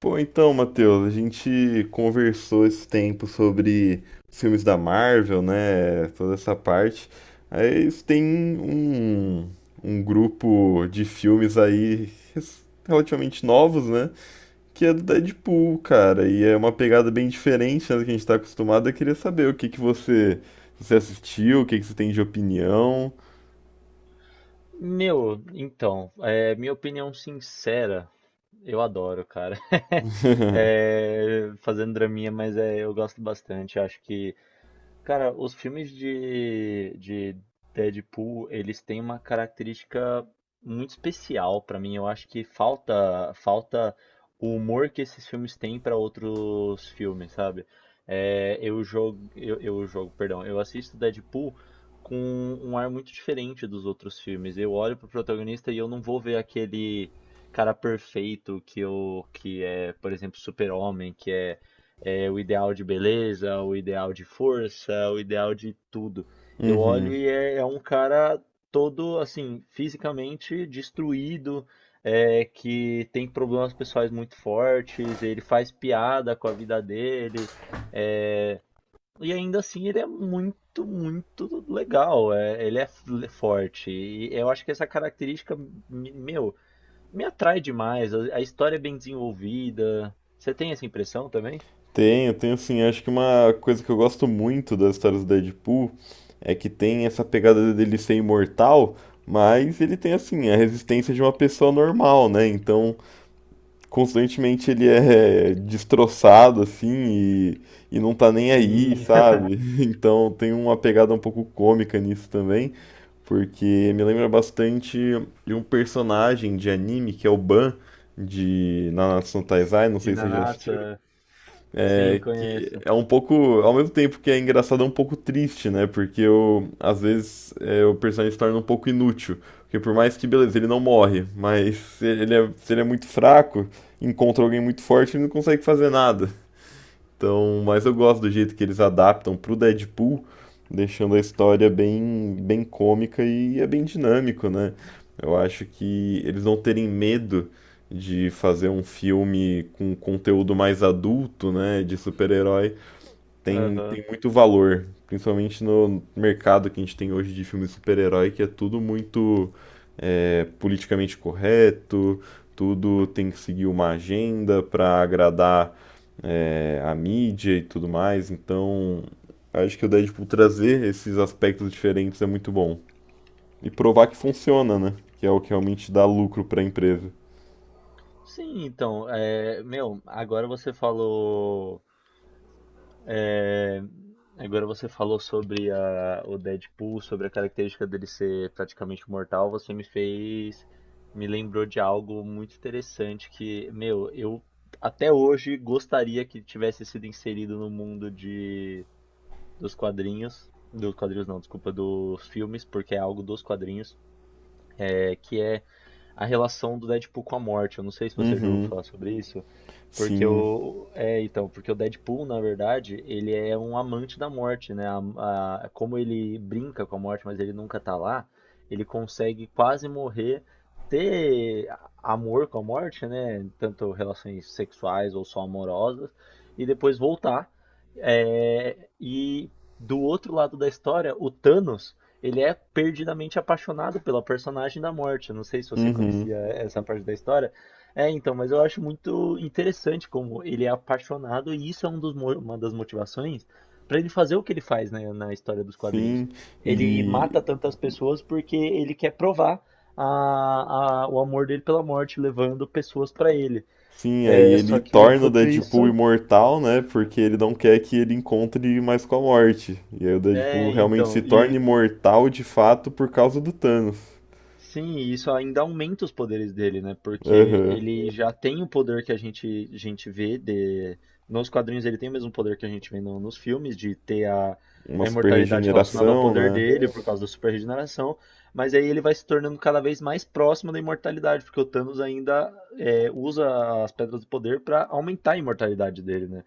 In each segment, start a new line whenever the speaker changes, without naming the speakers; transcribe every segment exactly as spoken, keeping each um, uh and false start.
Pô, então, Matheus, a gente conversou esse tempo sobre os filmes da Marvel, né? Toda essa parte. Aí isso tem um, um grupo de filmes aí res- relativamente novos, né? Que é do Deadpool, cara. E é uma pegada bem diferente, né, do que a gente tá acostumado. Eu queria saber o que que você, você assistiu, o que que você tem de opinião.
Meu, então, é, minha opinião sincera, eu adoro, cara. É, fazendo draminha, mas é, eu gosto bastante. Acho que Cara, os filmes de, de Deadpool, eles têm uma característica muito especial pra mim. Eu acho que falta falta o humor que esses filmes têm pra outros filmes, sabe? É, eu jogo, eu, eu jogo, perdão, Eu assisto Deadpool com um ar muito diferente dos outros filmes. Eu olho pro protagonista e eu não vou ver aquele cara perfeito que eu, que é, por exemplo, Super-Homem, que é é, o ideal de beleza, o ideal de força, o ideal de tudo. Eu olho
Uhum.
e é, é um cara todo assim, fisicamente destruído, é, que tem problemas pessoais muito fortes, ele faz piada com a vida dele, é, e ainda assim ele é muito, muito legal, é, ele é f- forte. E eu acho que essa característica, me- meu, me atrai demais. A a história é bem desenvolvida. Você tem essa impressão também?
Tenho, tenho sim. Acho que uma coisa que eu gosto muito das histórias do Deadpool é que tem essa pegada dele ser imortal, mas ele tem assim a resistência de uma pessoa normal, né? Então, constantemente ele é destroçado assim e, e não tá nem aí,
Sim.
sabe? Então, tem uma pegada um pouco cômica nisso também, porque me lembra bastante de um personagem de anime que é o Ban de Nanatsu no Taizai, não
De
sei se você já
Nanatsu,
assistiu.
é. Sim,
É, que
conheço.
é um pouco, ao mesmo tempo que é engraçado, é um pouco triste, né? Porque eu, às vezes é, o personagem se torna um pouco inútil. Porque por mais que, beleza, ele não morre, mas se ele é, se ele é muito fraco, encontra alguém muito forte, ele não consegue fazer nada. Então, mas eu gosto do jeito que eles adaptam pro Deadpool, deixando a história bem, bem cômica e é bem dinâmico, né? Eu acho que eles não terem medo de fazer um filme com conteúdo mais adulto, né, de super-herói, tem,
Aham.
tem muito valor, principalmente no mercado que a gente tem hoje de filme de super-herói, que é tudo muito é, politicamente correto, tudo tem que seguir uma agenda para agradar é, a mídia e tudo mais. Então, acho que o Deadpool trazer esses aspectos diferentes é muito bom. E provar que funciona, né? Que é o que realmente dá lucro para a empresa.
Sim, então, é, meu, agora você falou, é, agora você falou sobre a, o Deadpool, sobre a característica dele ser praticamente mortal, você me fez, me lembrou de algo muito interessante que, meu, eu até hoje gostaria que tivesse sido inserido no mundo de, dos quadrinhos, dos quadrinhos não, desculpa, dos filmes, porque é algo dos quadrinhos, é, que é a relação do Deadpool com a morte. Eu não sei se você já ouviu
Uhum,
falar sobre isso, porque
sim,
o é, então, porque o Deadpool, na verdade, ele é um amante da morte, né? A- a- como ele brinca com a morte, mas ele nunca tá lá, ele consegue quase morrer, ter a- amor com a morte, né? Tanto relações sexuais ou só amorosas, e depois voltar. É, e do outro lado da história, o Thanos, ele é perdidamente apaixonado pela personagem da Morte. Eu não sei se você
uhum,
conhecia essa parte da história. É, então, mas eu acho muito interessante como ele é apaixonado e isso é um dos mo- uma das motivações para ele fazer o que ele faz, né, na história dos quadrinhos.
sim.
Ele
E
mata tantas pessoas porque ele quer provar a- a- o amor dele pela Morte, levando pessoas para ele.
sim, aí
É, só
ele
que
torna o
enquanto
Deadpool
isso,
imortal, né? Porque ele não quer que ele encontre mais com a morte. E aí o Deadpool
é,
realmente se
então,
torna imortal de fato por causa do Thanos.
sim, e isso ainda aumenta os poderes dele, né? Porque
Aham.
ele já tem o poder que a gente, a gente vê de. Nos quadrinhos ele tem o mesmo poder que a gente vê no- nos filmes, de ter a,
Uma
a
super
imortalidade relacionada ao
regeneração,
poder
né?
dele por causa da super regeneração, mas aí ele vai se tornando cada vez mais próximo da imortalidade, porque o Thanos ainda é, usa as pedras do poder para aumentar a imortalidade dele, né?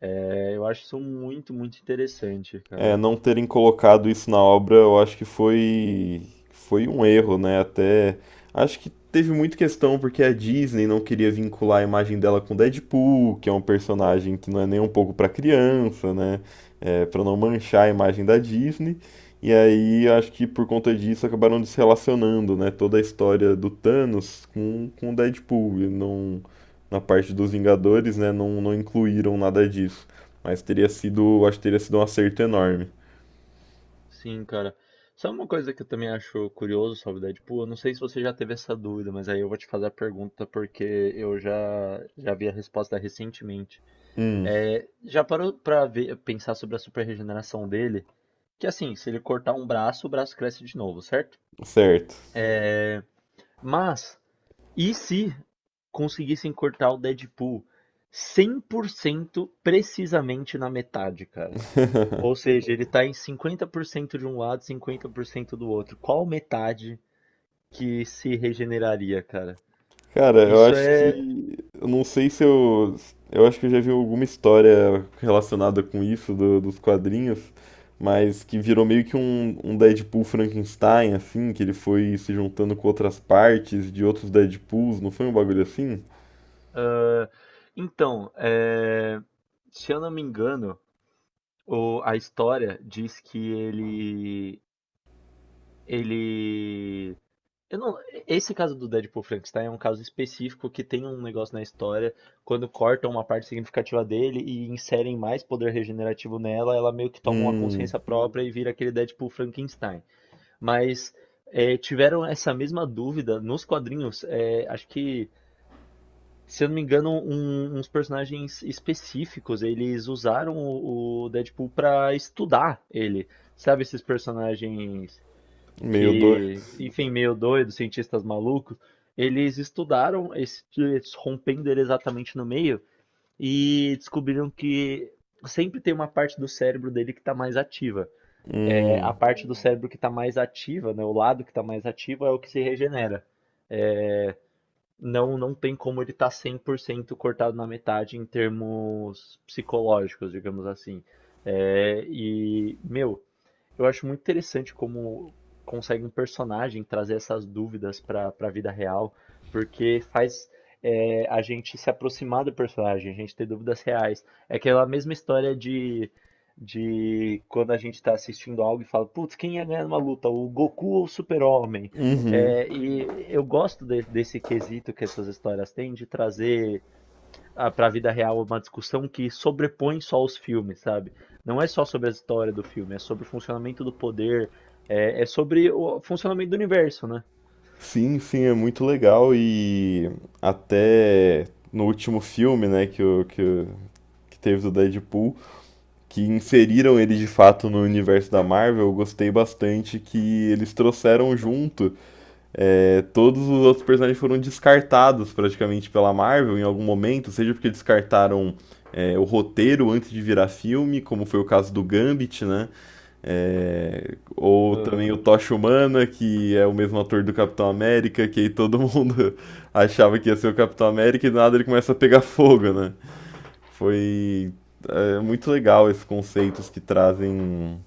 É, eu acho isso muito, muito interessante,
É,
cara.
não terem colocado isso na obra, eu acho que foi foi um erro, né? Até acho que teve muita questão porque a Disney não queria vincular a imagem dela com Deadpool, que é um personagem que não é nem um pouco para criança, né? É, para não manchar a imagem da Disney. E aí acho que por conta disso acabaram desrelacionando, né? Toda a história do Thanos com com o Deadpool, e não na parte dos Vingadores, né? Não não incluíram nada disso. Mas teria sido, acho que teria sido um acerto enorme.
Sim, cara. Sabe uma coisa que eu também acho curioso sobre Deadpool? Eu não sei se você já teve essa dúvida, mas aí eu vou te fazer a pergunta porque eu já, já vi a resposta recentemente.
Hum,
É, já parou pra ver, pensar sobre a super regeneração dele? Que assim, se ele cortar um braço, o braço cresce de novo, certo?
certo.
É, Mas, e se conseguissem cortar o Deadpool cem por cento precisamente na metade, cara? Ou seja, ele tá em cinquenta por cento de um lado, cinquenta por cento do outro. Qual metade que se regeneraria, cara?
Cara, eu
Isso
acho
é.
que. Eu não sei se eu. Eu acho que eu já vi alguma história relacionada com isso, do- dos quadrinhos, mas que virou meio que um, um Deadpool Frankenstein, assim, que ele foi se juntando com outras partes de outros Deadpools, não foi um bagulho assim?
ah, então, é, se eu não me engano, o- a história diz que ele. Ele. Eu não, esse caso do Deadpool Frankenstein é um caso específico que tem um negócio na história, quando cortam uma parte significativa dele e inserem mais poder regenerativo nela, ela meio que toma uma
Hum,
consciência própria e vira aquele Deadpool Frankenstein. Mas é, tiveram essa mesma dúvida nos quadrinhos. É, acho que Se eu não me engano, um- uns personagens específicos, eles usaram o, o Deadpool pra estudar ele. Sabe esses personagens
meio doido.
que, enfim, meio doidos, cientistas malucos? Eles estudaram esse, eles rompendo ele exatamente no meio e descobriram que sempre tem uma parte do cérebro dele que tá mais ativa. É, a
Hum,
parte do cérebro que tá mais ativa, né, o lado que tá mais ativo é o que se regenera. É, não não tem como ele estar cem por cento cortado na metade em termos psicológicos, digamos assim. É, e, meu, eu acho muito interessante como consegue um personagem trazer essas dúvidas para a vida real, porque faz, é, a gente se aproximar do personagem, a gente ter dúvidas reais. É aquela mesma história de, de quando a gente está assistindo algo e fala, putz, quem ia ganhar numa luta, o Goku ou o Super-Homem?
uhum.
É, e eu gosto de- desse quesito que essas histórias têm de trazer para a vida real, é uma discussão que sobrepõe só os filmes, sabe? Não é só sobre a história do filme, é sobre o funcionamento do poder, é, é sobre o funcionamento do universo, né?
Sim, sim, é muito legal e até no último filme, né, que o, que, o- que teve do Deadpool, que inseriram ele de fato no universo da Marvel, eu gostei bastante que eles trouxeram junto. É, todos os outros personagens foram descartados praticamente pela Marvel em algum momento, seja porque descartaram é, o roteiro antes de virar filme, como foi o caso do Gambit, né? É, ou também
Aham,
o Tocha Humana, que é o mesmo ator do Capitão América, que aí todo mundo achava que ia ser o Capitão América e do nada ele começa a pegar fogo, né? Foi é, muito legal esses conceitos que trazem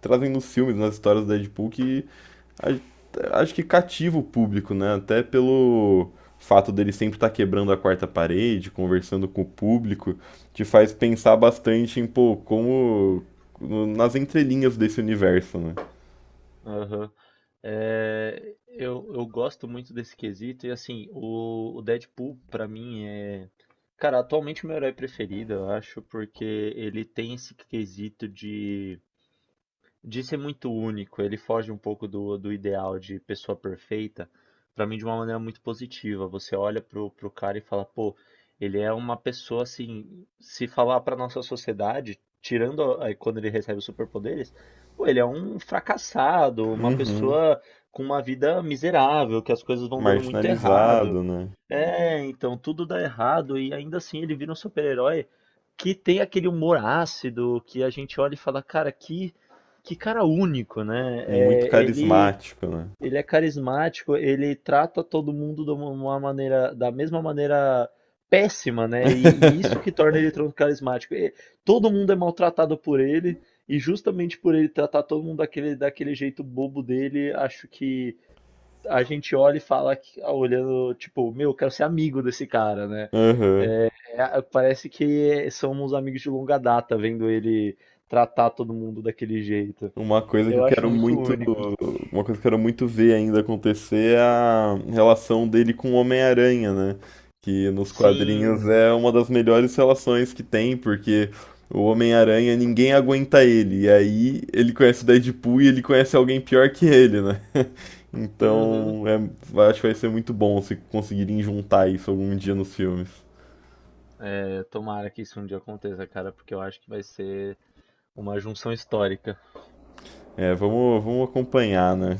trazem nos filmes, nas histórias do Deadpool, que a- acho que cativa o público, né? Até pelo fato dele sempre estar quebrando a quarta parede, conversando com o público, te faz pensar bastante em, pô, como no- nas entrelinhas desse universo, né?
aham. É, eu, eu gosto muito desse quesito, e assim, o, o Deadpool, pra mim, é. Cara, atualmente o meu herói preferido, eu acho, porque ele tem esse quesito de de ser muito único. Ele foge um pouco do, do ideal de pessoa perfeita, pra mim de uma maneira muito positiva. Você olha pro, pro cara e fala, pô, ele é uma pessoa assim, se falar pra nossa sociedade, tirando a- aí quando ele recebe os superpoderes, pô, ele é um fracassado, uma
Uhum.
pessoa com uma vida miserável, que as coisas vão dando muito errado.
Marginalizado, né?
É, então tudo dá errado e ainda assim ele vira um super-herói que tem aquele humor ácido que a gente olha e fala, cara, que, que cara único, né?
Muito
É, ele,
carismático, né?
ele é carismático, ele trata todo mundo de uma uma maneira, da mesma maneira péssima, né? E, e isso que torna ele tão carismático. E todo mundo é maltratado por ele, e justamente por ele tratar todo mundo daquele, daquele jeito bobo dele, acho que a gente olha e fala, que- olhando, tipo, meu, eu quero ser amigo desse cara, né?
Aham.
É, parece que somos amigos de longa data, vendo ele tratar todo mundo daquele jeito.
Uma coisa que eu
Eu acho
quero
muito
muito,
único.
uma coisa que eu quero muito ver ainda acontecer é a relação dele com o Homem-Aranha, né? Que nos quadrinhos
Sim,
é uma das melhores relações que tem, porque o Homem-Aranha ninguém aguenta ele. E aí ele conhece o Deadpool e ele conhece alguém pior que ele, né?
uhum.
Então, é, acho que vai ser muito bom se conseguirem juntar isso algum dia nos filmes.
É, tomara que isso um dia aconteça, cara, porque eu acho que vai ser uma junção histórica.
É, vamos, vamos acompanhar, né?